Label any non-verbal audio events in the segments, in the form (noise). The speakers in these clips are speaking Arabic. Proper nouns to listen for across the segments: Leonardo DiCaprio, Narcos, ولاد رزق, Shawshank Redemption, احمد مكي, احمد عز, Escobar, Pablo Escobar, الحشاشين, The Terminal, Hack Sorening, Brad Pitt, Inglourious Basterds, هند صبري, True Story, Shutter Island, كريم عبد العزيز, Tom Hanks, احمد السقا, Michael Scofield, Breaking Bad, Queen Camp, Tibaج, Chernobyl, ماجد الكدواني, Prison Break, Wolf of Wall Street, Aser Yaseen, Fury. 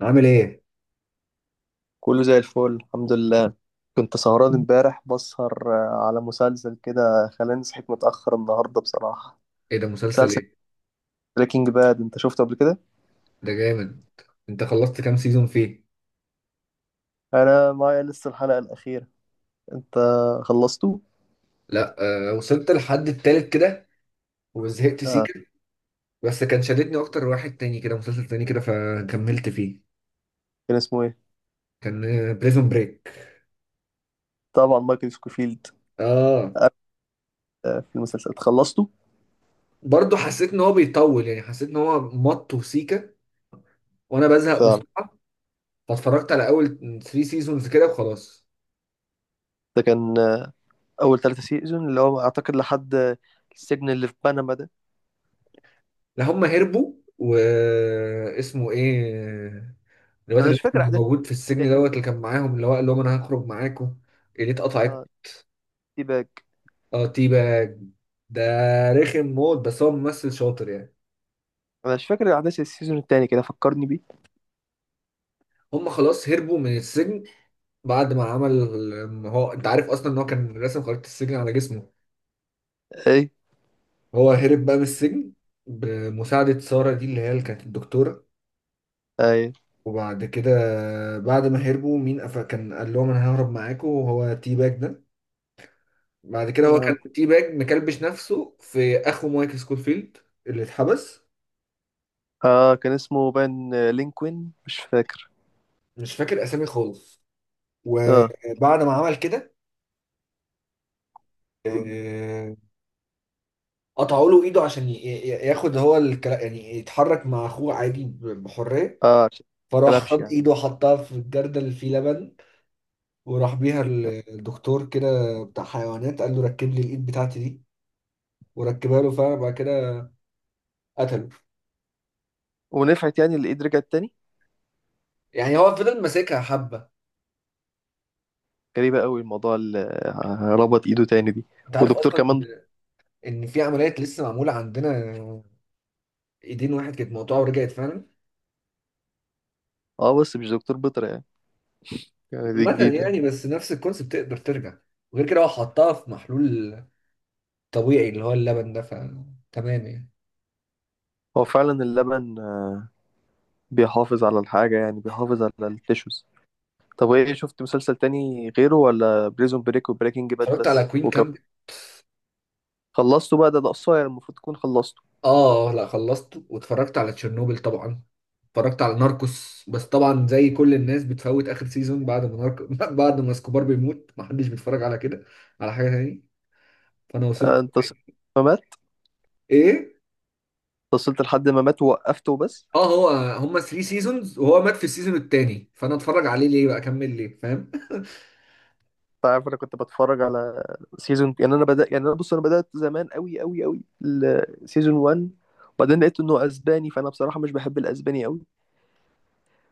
عامل ايه؟ كله زي الفل الحمد لله. كنت سهران امبارح بسهر على مسلسل كده. خلاني صحيت متأخر النهاردة بصراحة. ايه ده مسلسل مسلسل ايه؟ بريكنج باد انت شفته قبل كده؟ ده جامد. انت خلصت كام سيزون فيه؟ انا معايا لسه الحلقة الأخيرة. انت خلصته؟ لا، آه وصلت لحد التالت كده وزهقت آه. سيكا. بس كان شددني اكتر واحد تاني كده، مسلسل تاني كده فكملت فيه. كان اسمه ايه؟ كان بريزون بريك. طبعا مايكل سكوفيلد. اه، آه في المسلسل خلصته؟ برضه حسيت ان هو بيطول، يعني حسيت ان هو مط وسيكا وانا بزهق فعلا. بسرعة، فاتفرجت على اول 3 سيزونز كده وخلاص. ده كان أول ثلاثة سيزون اللي هو أعتقد لحد السجن اللي في بنما ده. لا هم هربوا، واسمه ايه الواد أنا مش الرخم فاكر اللي أحداث موجود في السجن التاني. دوت اللي كان معاهم اللي هو قال لهم انا هخرج معاكم. اللي اه. اتقطعت. تي باك. اه تيباج ده رخم موت، بس هو ممثل شاطر يعني. أنا مش فاكر أحداث السيزون التاني كده فكرني بيه. هم خلاص هربوا من السجن بعد ما عمل ال-، هو انت عارف اصلا ان هو كان راسم خريطة السجن على جسمه. ايه. هو هرب بقى من السجن بمساعدة سارة دي اللي هي اللي كانت الدكتورة. ايه. وبعد كده، بعد ما هربوا مين قف- كان قال لهم انا ههرب معاكم وهو تيباج ده. بعد كده هو كان تي باج مكلبش نفسه في اخو مايكل سكوفيلد اللي اتحبس. اه كان اسمه بان لينكوين مش فاكر. مش فاكر اسامي خالص. اه. وبعد ما عمل كده، آه، قطعوا له ايده عشان ياخد هو يعني يتحرك مع اخوه عادي بحريه. اه. عشان ما فراح كلبش خد يعني. ايده وحطها في الجردل اللي فيه لبن وراح بيها. الدكتور كده بتاع حيوانات قال له ركب لي الايد بتاعتي دي، وركبها له فعلا. بعد كده قتله. ونفعت يعني اللي ايد رجعت تاني. يعني هو فضل ماسكها حبه. غريبة قوي الموضوع اللي ربط ايده تاني دي. انت عارف ودكتور اصلا كمان. ان في عمليات لسه معموله عندنا، ايدين واحد كانت مقطوعه ورجعت فعلا. اه بس مش دكتور بيطري يعني. يعني دي مثلا جديدة. يعني، بس نفس الكونسيبت تقدر ترجع. وغير كده هو حطها في محلول طبيعي اللي هو اللبن ده، فتمام يعني. هو فعلا اللبن بيحافظ على الحاجة يعني بيحافظ على التيشوز. طب ايه شفت مسلسل تاني غيره ولا بريزون بريك وبريكنج باد اتفرجت على بس كوين وكم؟ كامب. خلصته بقى ده قصير المفروض تكون خلصته. اه، لا خلصته، واتفرجت على تشيرنوبل طبعا. اتفرجت على ناركوس بس طبعا زي كل الناس بتفوت اخر سيزون بعد ما ناركو (laughs) بعد ما اسكوبار بيموت محدش بيتفرج على كده، على حاجه تاني. فانا وصلت. انت وصلت. ما مات؟ ايه. انت وصلت لحد ما مات ووقفته بس. اه هو، هما 3 سيزونز وهو مات في السيزون التاني، فانا اتفرج عليه ليه بقى، اكمل ليه، فاهم؟ انت عارف انا كنت بتفرج على سيزون يعني انا بدأ يعني انا بص انا بدأت زمان قوي قوي قوي سيزون 1. وبعدين لقيت انه اسباني فانا بصراحة مش بحب الاسباني قوي.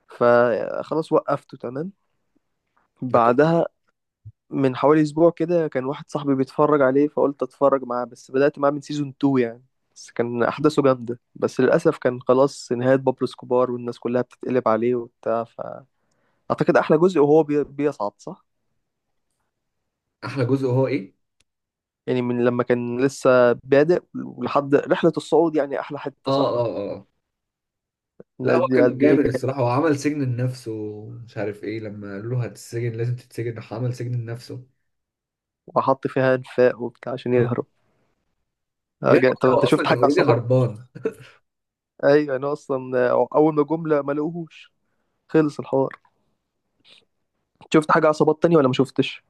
فخلاص وقفته تمام. ده طبعا. بعدها من حوالي اسبوع كده كان واحد صاحبي بيتفرج عليه فقلت اتفرج معاه بس بدأت معاه من سيزون 2 يعني. بس كان احداثه جامدة بس للاسف كان خلاص نهاية بابلو سكوبار والناس كلها بتتقلب عليه وبتاع فاعتقد احلى جزء وهو بيصعد صح. احلى جزء هو ايه؟ يعني من لما كان لسه بادئ لحد رحلة الصعود يعني أحلى اه حتة صح؟ اه اه. لا هو دي كان قد إيه جامد كان. الصراحة، هو عمل سجن لنفسه ومش عارف ايه، لما قالوا له هتتسجن لازم تتسجن راح عمل سجن لنفسه. وحط فيها أنفاق وبتاع عشان يهرب. اه. يعني طب أنت هو اصلا شفت كان حاجة اوريدي عصابات؟ هربان. أيوة أنا أصلا أول ما جملة ما لقوهوش. خلص الحوار. شفت حاجة عصابات تانية ولا ما شفتش؟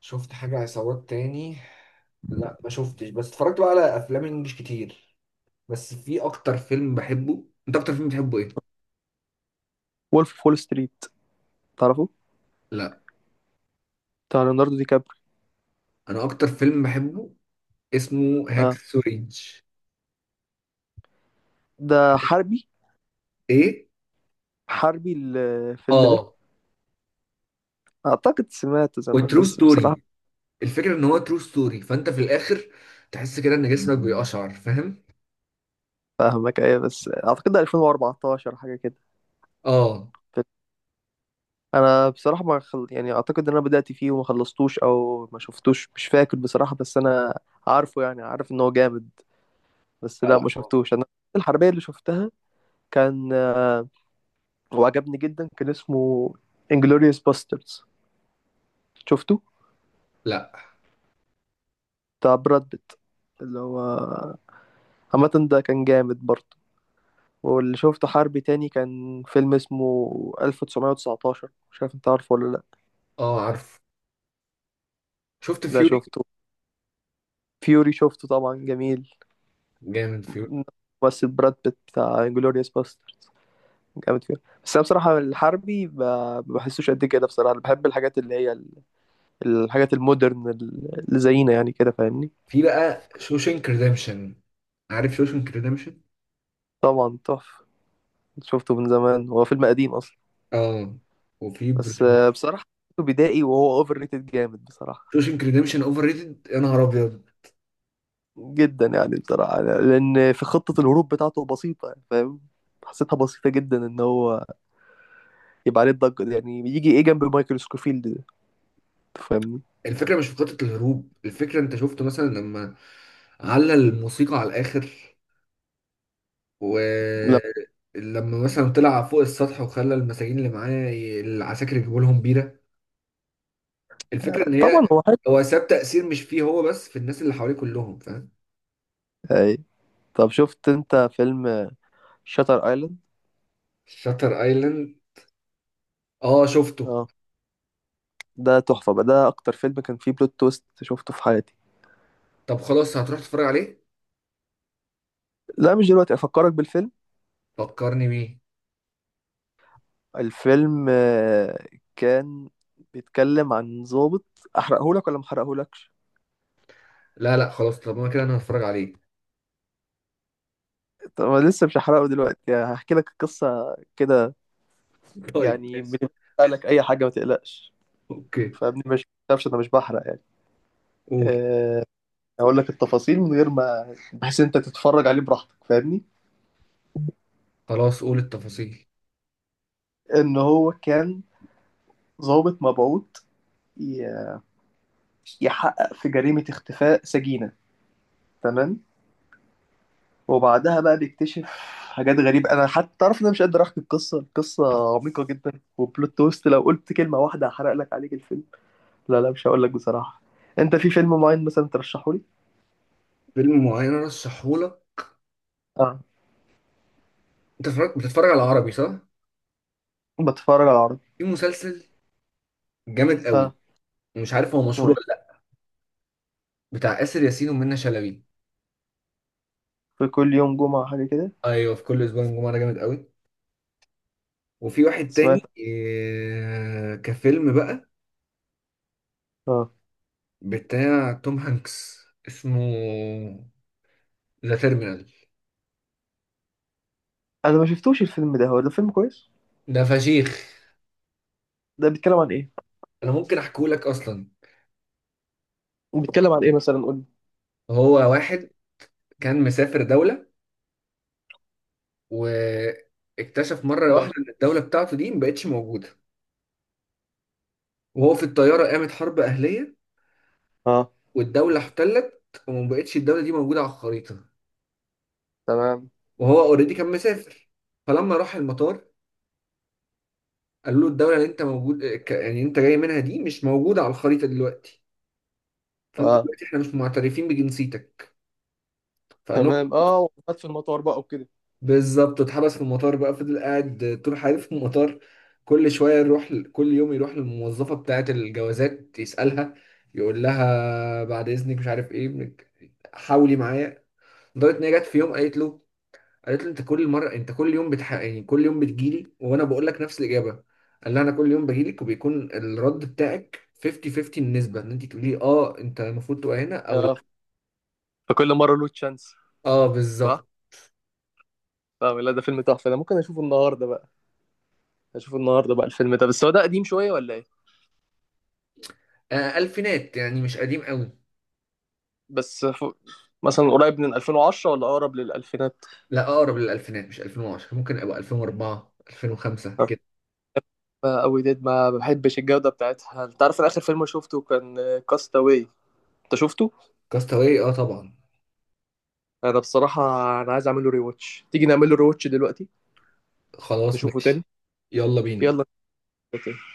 شفت حاجة عصابات تاني. لا ما شفتش، بس اتفرجت بقى على افلام انجلش كتير. بس في اكتر فيلم بحبه، انت اكتر فيلم بتحبه ايه؟ وولف أوف وول ستريت. تعرفه؟ لا، بتاع ليوناردو دي كابري. انا اكتر فيلم بحبه اسمه هاك آه. سورينج. ده حربي. ايه؟ حربي الفيلم ده. اه. أعتقد سمعته زمان وترو بس بصراحة. ستوري. الفكرة ان هو ترو ستوري، فانت في الاخر تحس كده ان جسمك بيقشعر، فاهم؟ فاهمك أيوة بس أعتقد ده 2014 حاجة كده. اه. انا بصراحه ما يعني اعتقد ان انا بدات فيه وما خلصتوش او ما شفتوش مش فاكر بصراحه بس انا عارفه يعني عارف ان هو جامد. بس لا لا لا ما هو-. شفتوش انا. الحربيه اللي شفتها كان وعجبني جدا كان اسمه انجلوريوس باستردز شفته. لا. بتاع براد بيت اللي هو عامه ده كان جامد برضه. واللي شفته حربي تاني كان فيلم اسمه 1919 مش عارف انت عارفه ولا لا. اه عارف. شفت ده فيوري. شفته. فيوري شفته طبعا جميل. جامد فيوري. بس براد بيت بتاع انجلوريوس باستردز جامد فيه. بس انا بصراحه الحربي ما بحسوش قد كده بصراحه انا بحب الحاجات اللي هي الحاجات المودرن اللي زينا يعني كده فاهمني. في بقى شوشنك ريديمشن، عارف شوشنك ريديمشن؟ طبعا تحفه. شفته من زمان هو فيلم قديم اصلا. اه. وفي بس برشلونة. بصراحه شفته بدائي وهو اوفر ريتد جامد بصراحه. شوشنك ريديمشن اوفر ريتد يا نهار ابيض. جدا يعني بصراحه لان في خطه الهروب بتاعته بسيطه يعني فاهم. حسيتها بسيطه جدا ان هو يبقى عليه الضجه دي يعني يجي ايه جنب مايكل سكوفيلد ده فاهمني. الفكره مش في خطه الهروب، الفكره انت شفت مثلا لما علّى الموسيقى على الاخر، لا ولما مثلا طلع فوق السطح وخلى المساجين اللي معاه العساكر يجيبوا لهم بيره. الفكره ان هي، طبعا هو حلو هو ساب تاثير مش فيه هو بس، في الناس اللي حواليه كلهم فاهم يعني. طب شفت انت فيلم شاتر ايلاند. شاتر ايلاند؟ اه شفته. اه ده تحفة بقى ده اكتر فيلم كان فيه بلوت تويست شفته في حياتي. طب خلاص هتروح تتفرج عليه؟ لا مش دلوقتي افكرك بالفيلم. فكرني بيه. الفيلم كان بيتكلم عن ضابط. احرقهولك ولا محرقهولكش؟ لا لا خلاص، طب انا كده انا هتفرج عليه. طب انا لسه مش هحرقه دلوقتي يعني هحكي لك القصة كده. (laughs) طيب يعني ماشي. بنحرق لك اي حاجة ما تقلقش. اوكي. فابني مش متعرفش انا مش بحرق يعني. قول. آه، اقول لك التفاصيل من غير ما بحيث انت تتفرج عليه براحتك فاهمني. خلاص قول التفاصيل. ان هو كان ضابط مبعوث يحقق في جريمة اختفاء سجينة تمام. وبعدها بقى بيكتشف حاجات غريبة. أنا حتى تعرف إن أنا مش قادر أحكي القصة. القصة عميقة جدا. وبلوت تويست لو قلت كلمة واحدة هحرق لك عليك الفيلم. لا لا مش هقول لك بصراحة. أنت في فيلم معين مثلا ترشحه لي؟ فيلم معين رشحهولك. أه. انت اتفرجت بتتفرج على عربي صح. بتفرج على عربي. في مسلسل جامد قوي، أه. ومش عارف هو اسمه مشهور ولا إيه؟ لا. بتاع آسر ياسين ومنى شلبي. في كل يوم جمعة حاجة كده. ايوه، في كل اسبوع الجمعه ده جامد قوي. وفي واحد سمعت تاني إيه كفيلم بقى، أه. بتاع توم هانكس اسمه ذا تيرمينال. أنا ما شفتوش الفيلم ده، هو ده فيلم كويس؟ ده فشيخ. ده بيتكلم عن إيه؟ انا ممكن احكيه لك اصلا. بيتكلم عن إيه مثلا قول لي؟ هو واحد كان مسافر دولة، واكتشف مرة اه. واحدة إن الدولة بتاعته دي مبقتش موجودة. وهو في الطيارة قامت حرب أهلية، اه. والدولة احتلت ومبقتش الدولة دي موجودة على الخريطة. تمام. وهو أوريدي كان مسافر، فلما راح المطار قالوا له الدولة اللي أنت موجود يعني أنت جاي منها دي مش موجودة على الخريطة دلوقتي، فأنت اه. دلوقتي إحنا مش معترفين بجنسيتك. فقال. تمام. اه وفات في المطار بقى وكده. بالظبط، اتحبس في المطار بقى، فضل قاعد طول حياته في المطار. كل شوية يروح، كل يوم يروح للموظفة بتاعة الجوازات يسألها، يقول لها بعد إذنك مش عارف إيه حاولي معايا. لدرجة إن هي جت في يوم قالت له، قالت له أنت كل مرة، أنت كل يوم يعني كل يوم بتجيلي وأنا بقول لك نفس الإجابة. قال لها أنا كل يوم بجيلك وبيكون الرد بتاعك 50 50 النسبة إن أنت تقولي أه أنت المفروض تبقى هنا أو لأ. آه. فكل مره له تشانس أه صح. بالظبط. فاهم، لا ده فيلم تحفه ده ممكن اشوفه النهارده بقى. اشوفه النهارده بقى الفيلم ده بس هو ده قديم شويه ولا ايه؟ ألفينات يعني، مش قديم قوي. بس مثلا قريب من 2010 ولا اقرب للالفينات؟ لا اقرب للالفينات، مش 2010، ممكن ابقى 2004 2005 كده. قوي ديد ما بحبش الجوده بتاعتها. انت عارف انا اخر فيلم شفته كان كاستاوي. انت شفته؟ كاستاوي اه طبعا. انا بصراحه انا عايز اعمل له ري واتش، تيجي نعمل له ري واتش دلوقتي. خلاص نشوفه تاني. ماشي. يلا بينا. يلا.